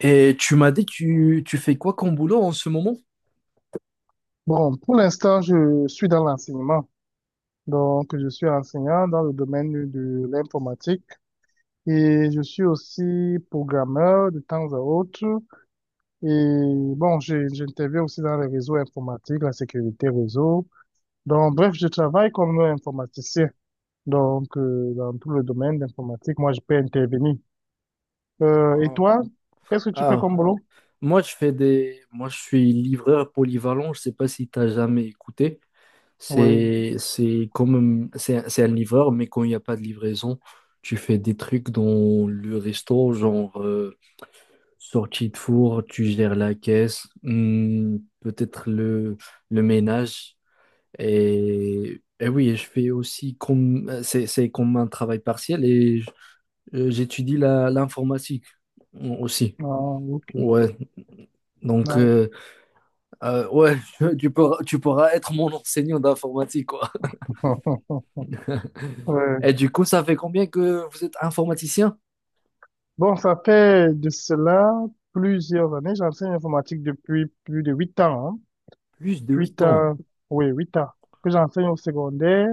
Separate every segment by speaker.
Speaker 1: Et tu m'as dit, tu fais quoi comme boulot en ce moment?
Speaker 2: Bon, pour l'instant, je suis dans l'enseignement. Donc, je suis enseignant dans le domaine de l'informatique et je suis aussi programmeur de temps à autre. Et bon, j'interviens aussi dans les réseaux informatiques, la sécurité réseau. Donc, bref, je travaille comme informaticien. Donc, dans tout le domaine d'informatique, moi, je peux intervenir. Et
Speaker 1: Ah,
Speaker 2: toi, qu'est-ce que tu fais
Speaker 1: ah,
Speaker 2: comme boulot?
Speaker 1: moi, je suis livreur polyvalent. Je sais pas si tu as jamais écouté.
Speaker 2: Oui,
Speaker 1: C'est comme, c'est un livreur, mais quand il n'y a pas de livraison, tu fais des trucs dans le resto, genre sortie de four, tu gères la caisse, peut-être le ménage. Et oui, je fais aussi comme, c'est comme un travail partiel. Et j'étudie l'informatique aussi.
Speaker 2: ah, ok.
Speaker 1: Ouais, donc,
Speaker 2: Ah.
Speaker 1: ouais, tu pourras être mon enseignant d'informatique, quoi.
Speaker 2: Ouais.
Speaker 1: Et du coup, ça fait combien que vous êtes informaticien?
Speaker 2: Bon, ça fait de cela plusieurs années. J'enseigne l'informatique depuis plus de 8 ans, hein.
Speaker 1: Plus de huit
Speaker 2: Huit
Speaker 1: ans.
Speaker 2: ans, oui, 8 ans que j'enseigne au secondaire.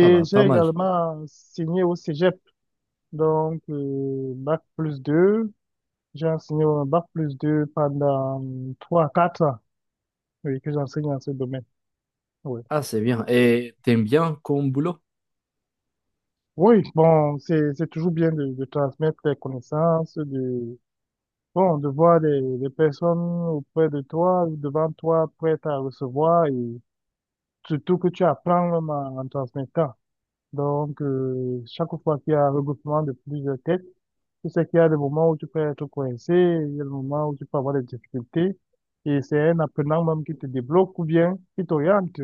Speaker 1: Ah bah,
Speaker 2: j'ai
Speaker 1: pas mal.
Speaker 2: également enseigné au Cégep, donc bac plus deux. J'ai enseigné au bac plus 2 pendant 3 à 4 ans, oui, que j'enseigne dans ce domaine. Oui,
Speaker 1: Ah, c'est bien. Et t'aimes bien comme boulot?
Speaker 2: oui, bon, c'est toujours bien de transmettre les connaissances, de, bon, de voir des personnes auprès de toi, devant toi, prêtes à recevoir, et surtout que tu apprends même en transmettant. Donc, chaque fois qu'il y a un regroupement de plusieurs têtes, tu sais qu'il y a des moments où tu peux être coincé, il y a des moments où tu peux avoir des difficultés. Et c'est un apprenant même qui te débloque ou bien qui t'oriente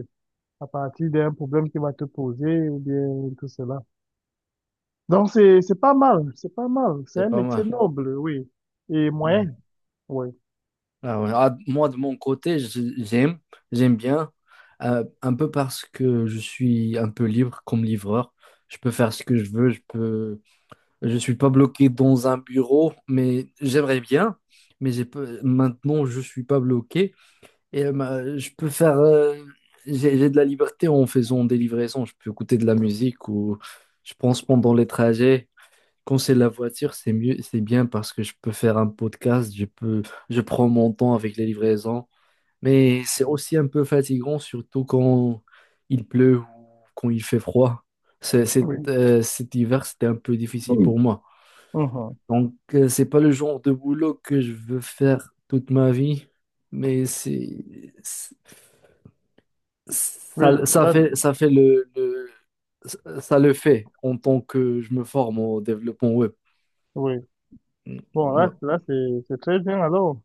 Speaker 2: à partir d'un problème qui va te poser ou bien tout cela. Donc, c'est pas mal, c'est pas mal. C'est
Speaker 1: C'est
Speaker 2: un
Speaker 1: pas
Speaker 2: métier
Speaker 1: mal.
Speaker 2: noble, oui. Et moyen,
Speaker 1: Mhm.
Speaker 2: oui,
Speaker 1: Ah ouais. Ah, moi, de mon côté, j'aime bien, un peu parce que je suis un peu libre comme livreur. Je peux faire ce que je veux. Je suis pas bloqué dans un bureau, mais j'aimerais bien. Mais j'ai pas- Maintenant, je suis pas bloqué, et je peux faire. J'ai de la liberté en faisant des livraisons. Je peux écouter de la musique ou je pense pendant les trajets. Quand c'est la voiture, c'est mieux, c'est bien parce que je peux faire un podcast. Je prends mon temps avec les livraisons. Mais c'est aussi un peu fatigant, surtout quand il pleut ou quand il fait froid.
Speaker 2: oui.
Speaker 1: Cet hiver, c'était un peu difficile
Speaker 2: Oui.
Speaker 1: pour moi.
Speaker 2: Mhm.
Speaker 1: Donc, c'est pas le genre de boulot que je veux faire toute ma vie. mais c'est, c'est-
Speaker 2: Oui,
Speaker 1: ça, ça
Speaker 2: là,
Speaker 1: fait, ça fait le, le- ça le fait en tant que je me forme au développement web.
Speaker 2: oui.
Speaker 1: Mm.
Speaker 2: Bon, là,
Speaker 1: Ouais.
Speaker 2: là c'est très bien alors.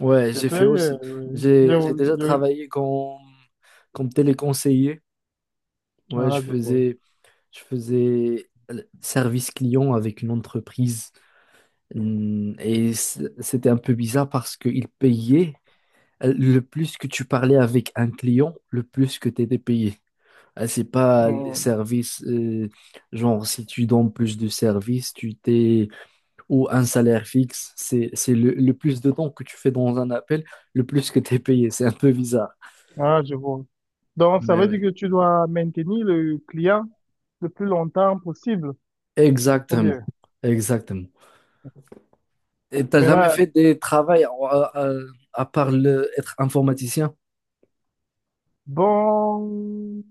Speaker 1: Ouais, j'ai
Speaker 2: C'était,
Speaker 1: fait aussi,
Speaker 2: oui.
Speaker 1: j'ai déjà
Speaker 2: Je-
Speaker 1: travaillé comme téléconseiller. Ouais,
Speaker 2: ah, je vois.
Speaker 1: je faisais le service client avec une entreprise. Et c'était un peu bizarre parce qu'ils payaient, le plus que tu parlais avec un client, le plus que tu étais payé. C'est pas les
Speaker 2: Hum,
Speaker 1: services. Genre, si tu donnes plus de services, tu t'es ou un salaire fixe, c'est le plus de temps que tu fais dans un appel, le plus que tu es payé. C'est un peu bizarre.
Speaker 2: Ah, je vois. Donc, ça
Speaker 1: Mais
Speaker 2: veut dire
Speaker 1: ouais.
Speaker 2: que tu dois maintenir le client le plus longtemps possible. Ou
Speaker 1: Exactement,
Speaker 2: bien.
Speaker 1: exactement. Et t'as
Speaker 2: Mais
Speaker 1: jamais
Speaker 2: là,
Speaker 1: fait des travails, à part être informaticien?
Speaker 2: bon,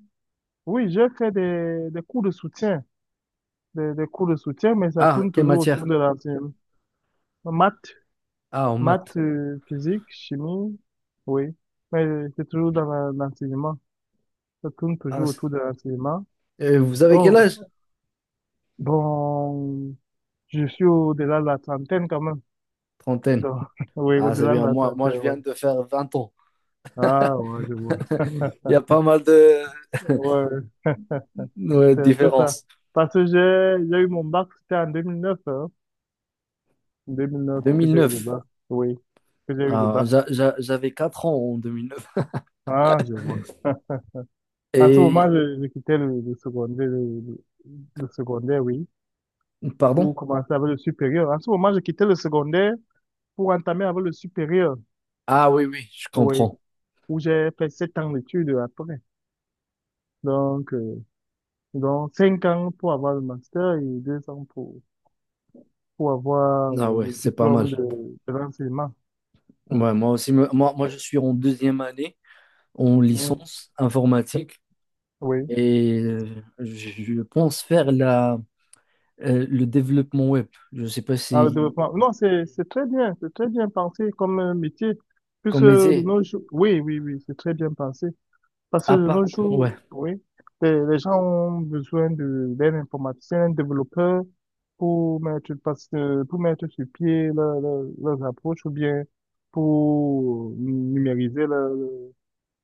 Speaker 2: oui, j'ai fait des cours de soutien, des cours de soutien, mais ça
Speaker 1: Ah,
Speaker 2: tourne
Speaker 1: quelle
Speaker 2: toujours autour
Speaker 1: matière?
Speaker 2: de la maths,
Speaker 1: Ah, en
Speaker 2: maths,
Speaker 1: maths.
Speaker 2: physique, chimie, oui. Mais c'est toujours dans l'enseignement. Ça tourne
Speaker 1: Ah,
Speaker 2: toujours autour de l'enseignement.
Speaker 1: vous avez quel
Speaker 2: Bon,
Speaker 1: âge?
Speaker 2: bon, je suis au-delà de la trentaine quand même.
Speaker 1: Trentaine.
Speaker 2: Donc, oui,
Speaker 1: Ah, c'est
Speaker 2: au-delà de
Speaker 1: bien.
Speaker 2: la
Speaker 1: Moi,
Speaker 2: trentaine,
Speaker 1: je
Speaker 2: ouais.
Speaker 1: viens de faire 20 ans.
Speaker 2: Ah, ouais, je vois.
Speaker 1: Il y a pas mal
Speaker 2: Ouais,
Speaker 1: de
Speaker 2: c'est un peu ça.
Speaker 1: différences.
Speaker 2: Parce que j'ai eu mon bac, c'était en 2009, hein. Deux mille neuf
Speaker 1: deux
Speaker 2: que
Speaker 1: mille
Speaker 2: j'ai eu le
Speaker 1: neuf.
Speaker 2: bac. Oui, que j'ai eu le
Speaker 1: Ah,
Speaker 2: bac.
Speaker 1: j'avais 4 ans en 2009.
Speaker 2: Ah, je vois. En ce
Speaker 1: Et,
Speaker 2: moment, je quittais le secondaire, le secondaire, oui,
Speaker 1: Pardon?
Speaker 2: pour commencer avec le supérieur. En ce moment, je quittais le secondaire pour entamer avec le supérieur,
Speaker 1: Ah oui, oui, je
Speaker 2: oui,
Speaker 1: comprends.
Speaker 2: où j'ai fait 7 ans d'études après. Donc, euh, donc 5 ans pour avoir le master et 2 ans pour avoir
Speaker 1: Ah ouais,
Speaker 2: le
Speaker 1: c'est pas mal.
Speaker 2: diplôme de l'enseignement. Euh,
Speaker 1: Ouais, moi aussi, je suis en deuxième année en
Speaker 2: mm,
Speaker 1: licence informatique.
Speaker 2: oui,
Speaker 1: Et je pense faire le développement web. Je ne sais pas
Speaker 2: dans le
Speaker 1: si,
Speaker 2: développement. Non, c'est très bien, c'est très bien pensé comme métier. Puisque
Speaker 1: comme
Speaker 2: de
Speaker 1: métier,
Speaker 2: nos jours, oui, oui, oui, c'est très bien pensé. Parce que
Speaker 1: à
Speaker 2: de nos
Speaker 1: part,
Speaker 2: jours,
Speaker 1: ouais,
Speaker 2: oui, les gens ont besoin d'un informaticien, d'un développeur pour mettre, pour mettre sur pied leurs approches ou bien pour numériser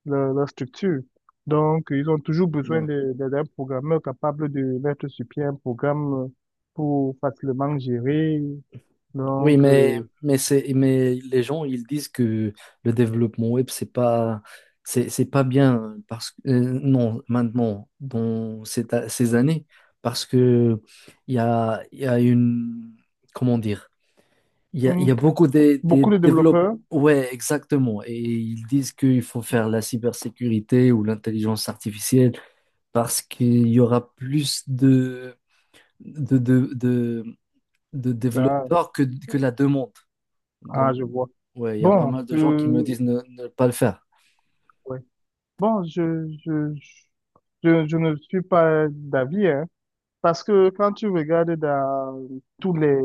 Speaker 2: la structure. Donc, ils ont toujours besoin
Speaker 1: ouais.
Speaker 2: d'un programmeur capable de mettre sur pied un programme, pour facilement gérer.
Speaker 1: Oui,
Speaker 2: Donc,
Speaker 1: mais les gens, ils disent que le développement web, c'est pas bien parce que, non, maintenant, dans ces années, parce que il y a une, comment dire, il y a
Speaker 2: hum,
Speaker 1: beaucoup de
Speaker 2: beaucoup de
Speaker 1: développeurs.
Speaker 2: développeurs.
Speaker 1: Ouais, exactement. Et ils disent qu'il faut faire la cybersécurité ou l'intelligence artificielle parce qu'il y aura plus de, de, de- de
Speaker 2: Ah,
Speaker 1: développeurs, que la demande.
Speaker 2: ah,
Speaker 1: Donc,
Speaker 2: je vois.
Speaker 1: ouais, il y a pas
Speaker 2: Bon,
Speaker 1: mal de gens qui me disent ne pas le faire.
Speaker 2: ouais. Bon, je ne suis pas d'avis, hein, parce que quand tu regardes dans tous les,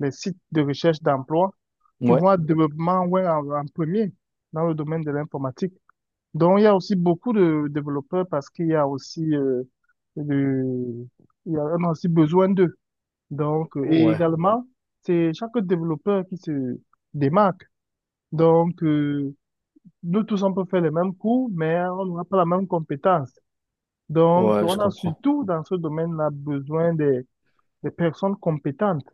Speaker 2: les sites de recherche d'emploi, tu
Speaker 1: Ouais,
Speaker 2: vois développement web en premier dans le domaine de l'informatique. Donc, il y a aussi beaucoup de développeurs parce qu'il y a aussi, de- il y a, on a aussi besoin d'eux. Donc, et
Speaker 1: ouais,
Speaker 2: également, c'est chaque développeur qui se démarque. Donc, nous tous, on peut faire les mêmes cours, mais on n'aura pas la même compétence. Donc,
Speaker 1: ouais, je
Speaker 2: on a
Speaker 1: comprends.
Speaker 2: surtout dans ce domaine-là besoin des personnes compétentes,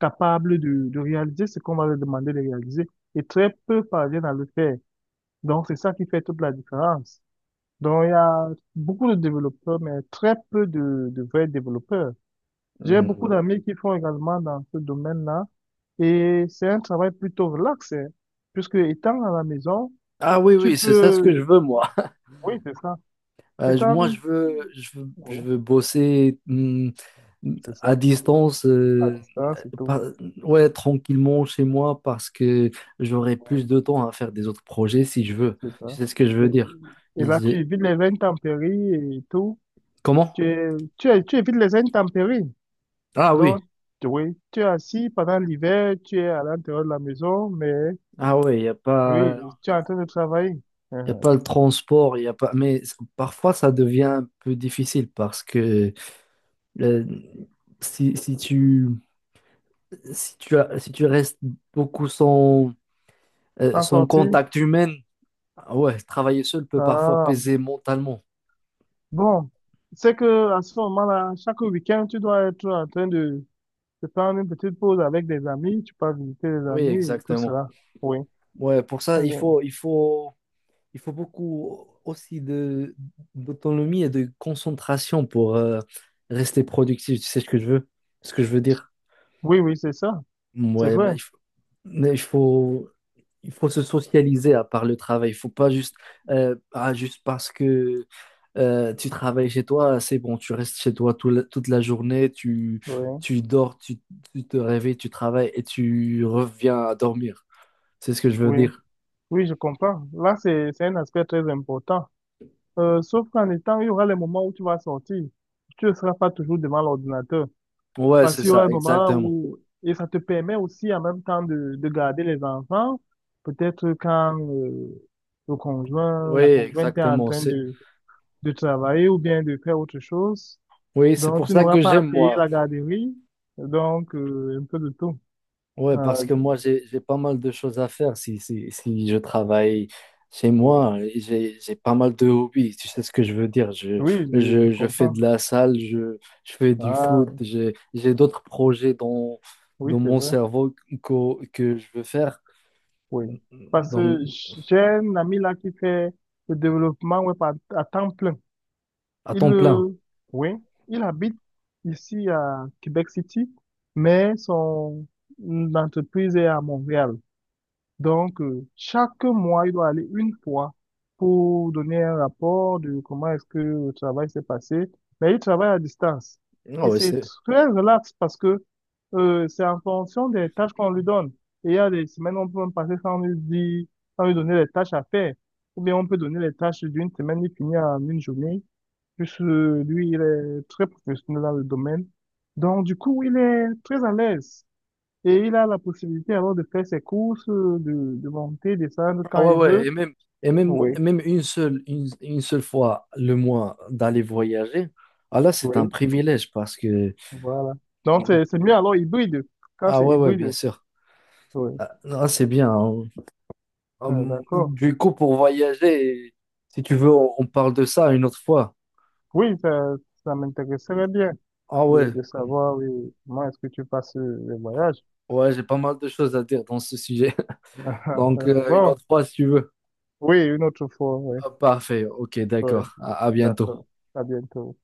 Speaker 2: capables de réaliser ce qu'on va leur demander de réaliser. Et très peu parviennent à le faire. Donc, c'est ça qui fait toute la différence. Donc, il y a beaucoup de développeurs, mais très peu de vrais développeurs. J'ai
Speaker 1: Hmm.
Speaker 2: beaucoup, ouais, d'amis qui font également dans ce domaine-là. Et c'est un travail plutôt relax, hein, puisque étant à la maison,
Speaker 1: Ah oui,
Speaker 2: tu
Speaker 1: oui, c'est ça ce que je
Speaker 2: peux.
Speaker 1: veux,
Speaker 2: Oui,
Speaker 1: moi.
Speaker 2: oui, c'est ça.
Speaker 1: Moi,
Speaker 2: Étant. Oui,
Speaker 1: je veux bosser,
Speaker 2: c'est
Speaker 1: à
Speaker 2: ça.
Speaker 1: distance,
Speaker 2: À distance et tout.
Speaker 1: pas- ouais, tranquillement chez moi, parce que j'aurai
Speaker 2: Ouais,
Speaker 1: plus de temps à faire des autres projets si je veux.
Speaker 2: c'est
Speaker 1: Tu
Speaker 2: ça.
Speaker 1: sais ce que je
Speaker 2: Et,
Speaker 1: veux dire?
Speaker 2: et là, tu
Speaker 1: Ils-
Speaker 2: évites les intempéries et tout.
Speaker 1: Comment?
Speaker 2: Tu, es- Tu évites les intempéries.
Speaker 1: Ah
Speaker 2: Donc,
Speaker 1: oui,
Speaker 2: oui, tu es assis pendant l'hiver, tu es à l'intérieur de la maison, mais,
Speaker 1: ah oui, il n'y a
Speaker 2: oui,
Speaker 1: pas,
Speaker 2: tu es en train de travailler.
Speaker 1: y a
Speaker 2: Mhm.
Speaker 1: pas le transport, y a pas... Mais parfois ça devient un peu difficile parce que, euh, si, si tu, si tu restes beaucoup sans,
Speaker 2: T'en
Speaker 1: sans
Speaker 2: sortir?
Speaker 1: contact humain, ah ouais, travailler seul peut parfois
Speaker 2: Ah.
Speaker 1: peser mentalement.
Speaker 2: Bon, c'est que à ce moment-là, chaque week-end, tu dois être en train de prendre une petite pause avec des amis. Tu peux visiter les
Speaker 1: Oui,
Speaker 2: amis et tout
Speaker 1: exactement.
Speaker 2: cela. Oui.
Speaker 1: Ouais, pour ça,
Speaker 2: Euh,
Speaker 1: il faut beaucoup aussi d'autonomie et de concentration pour, rester productif. Tu sais ce que je veux dire?
Speaker 2: Oui, oui, c'est ça. C'est
Speaker 1: Ouais,
Speaker 2: vrai.
Speaker 1: mais il faut, il faut se socialiser à part le travail. Il faut pas juste, juste parce que, tu travailles chez toi, c'est bon, tu restes chez toi toute la journée,
Speaker 2: Oui,
Speaker 1: tu dors, tu te réveilles, tu travailles et tu reviens à dormir. C'est ce que je veux
Speaker 2: oui.
Speaker 1: dire.
Speaker 2: Oui, je comprends. Là, c'est un aspect très important. Sauf qu'en étant, il y aura les moments où tu vas sortir. Tu ne seras pas toujours devant l'ordinateur.
Speaker 1: Ouais,
Speaker 2: Parce
Speaker 1: c'est
Speaker 2: qu'il y aura un
Speaker 1: ça,
Speaker 2: moment
Speaker 1: exactement.
Speaker 2: où, et ça te permet aussi en même temps de garder les enfants, peut-être quand le conjoint,
Speaker 1: Oui,
Speaker 2: la conjointe est en
Speaker 1: exactement.
Speaker 2: train de travailler ou bien de faire autre chose.
Speaker 1: Oui, c'est
Speaker 2: Donc,
Speaker 1: pour
Speaker 2: tu
Speaker 1: ça
Speaker 2: n'auras
Speaker 1: que
Speaker 2: pas à
Speaker 1: j'aime,
Speaker 2: payer
Speaker 1: moi.
Speaker 2: la garderie, donc un peu de tout.
Speaker 1: Ouais,
Speaker 2: Ah,
Speaker 1: parce que moi, j'ai pas mal de choses à faire si je travaille chez
Speaker 2: voilà.
Speaker 1: moi. Et j'ai pas mal de hobbies, tu sais ce que je veux dire.
Speaker 2: Oui, je, je
Speaker 1: Je fais
Speaker 2: comprends.
Speaker 1: de la salle, je fais du
Speaker 2: Ah,
Speaker 1: foot, j'ai d'autres projets dans,
Speaker 2: oui,
Speaker 1: dans
Speaker 2: c'est
Speaker 1: mon
Speaker 2: vrai.
Speaker 1: cerveau que je veux faire
Speaker 2: Oui. Parce
Speaker 1: dans-
Speaker 2: que j'ai un ami là qui fait le développement web à temps plein.
Speaker 1: à
Speaker 2: Il,
Speaker 1: temps plein.
Speaker 2: oui, il habite ici à Québec City, mais son entreprise est à Montréal. Donc, chaque mois, il doit aller une fois pour donner un rapport de comment est-ce que le travail s'est passé. Mais il travaille à distance.
Speaker 1: Ah
Speaker 2: Et
Speaker 1: ouais,
Speaker 2: c'est très relax parce que c'est en fonction des tâches qu'on lui donne. Et il y a des semaines où on peut même passer sans lui dire, sans lui donner les tâches à faire. Ou bien on peut donner les tâches d'une semaine, il finit en une journée puisque lui, il est très professionnel dans le domaine. Donc, du coup, il est très à l'aise et il a la possibilité alors de faire ses courses, de monter, descendre
Speaker 1: ah
Speaker 2: quand
Speaker 1: ouais,
Speaker 2: il
Speaker 1: ouais,
Speaker 2: veut. Oui,
Speaker 1: même une seule fois le mois d'aller voyager, ah là, c'est
Speaker 2: oui,
Speaker 1: un privilège parce que...
Speaker 2: voilà. Donc, c'est mieux alors hybride, quand
Speaker 1: Ah
Speaker 2: c'est
Speaker 1: ouais, ouais, bien
Speaker 2: hybride.
Speaker 1: sûr.
Speaker 2: Oui,
Speaker 1: Ah, ah, c'est bien, hein.
Speaker 2: ah, d'accord.
Speaker 1: Du coup, pour voyager, si tu veux, on parle de ça une autre fois.
Speaker 2: Oui, ça m'intéresserait bien
Speaker 1: Ah ouais,
Speaker 2: de savoir, oui, comment est-ce que tu passes le voyage.
Speaker 1: ouais, j'ai pas mal de choses à dire dans ce sujet. Donc, une
Speaker 2: Bon,
Speaker 1: autre fois, si tu veux.
Speaker 2: oui, une autre fois, oui,
Speaker 1: Ah, parfait, ok,
Speaker 2: oui,
Speaker 1: d'accord. À bientôt.
Speaker 2: d'accord. À bientôt.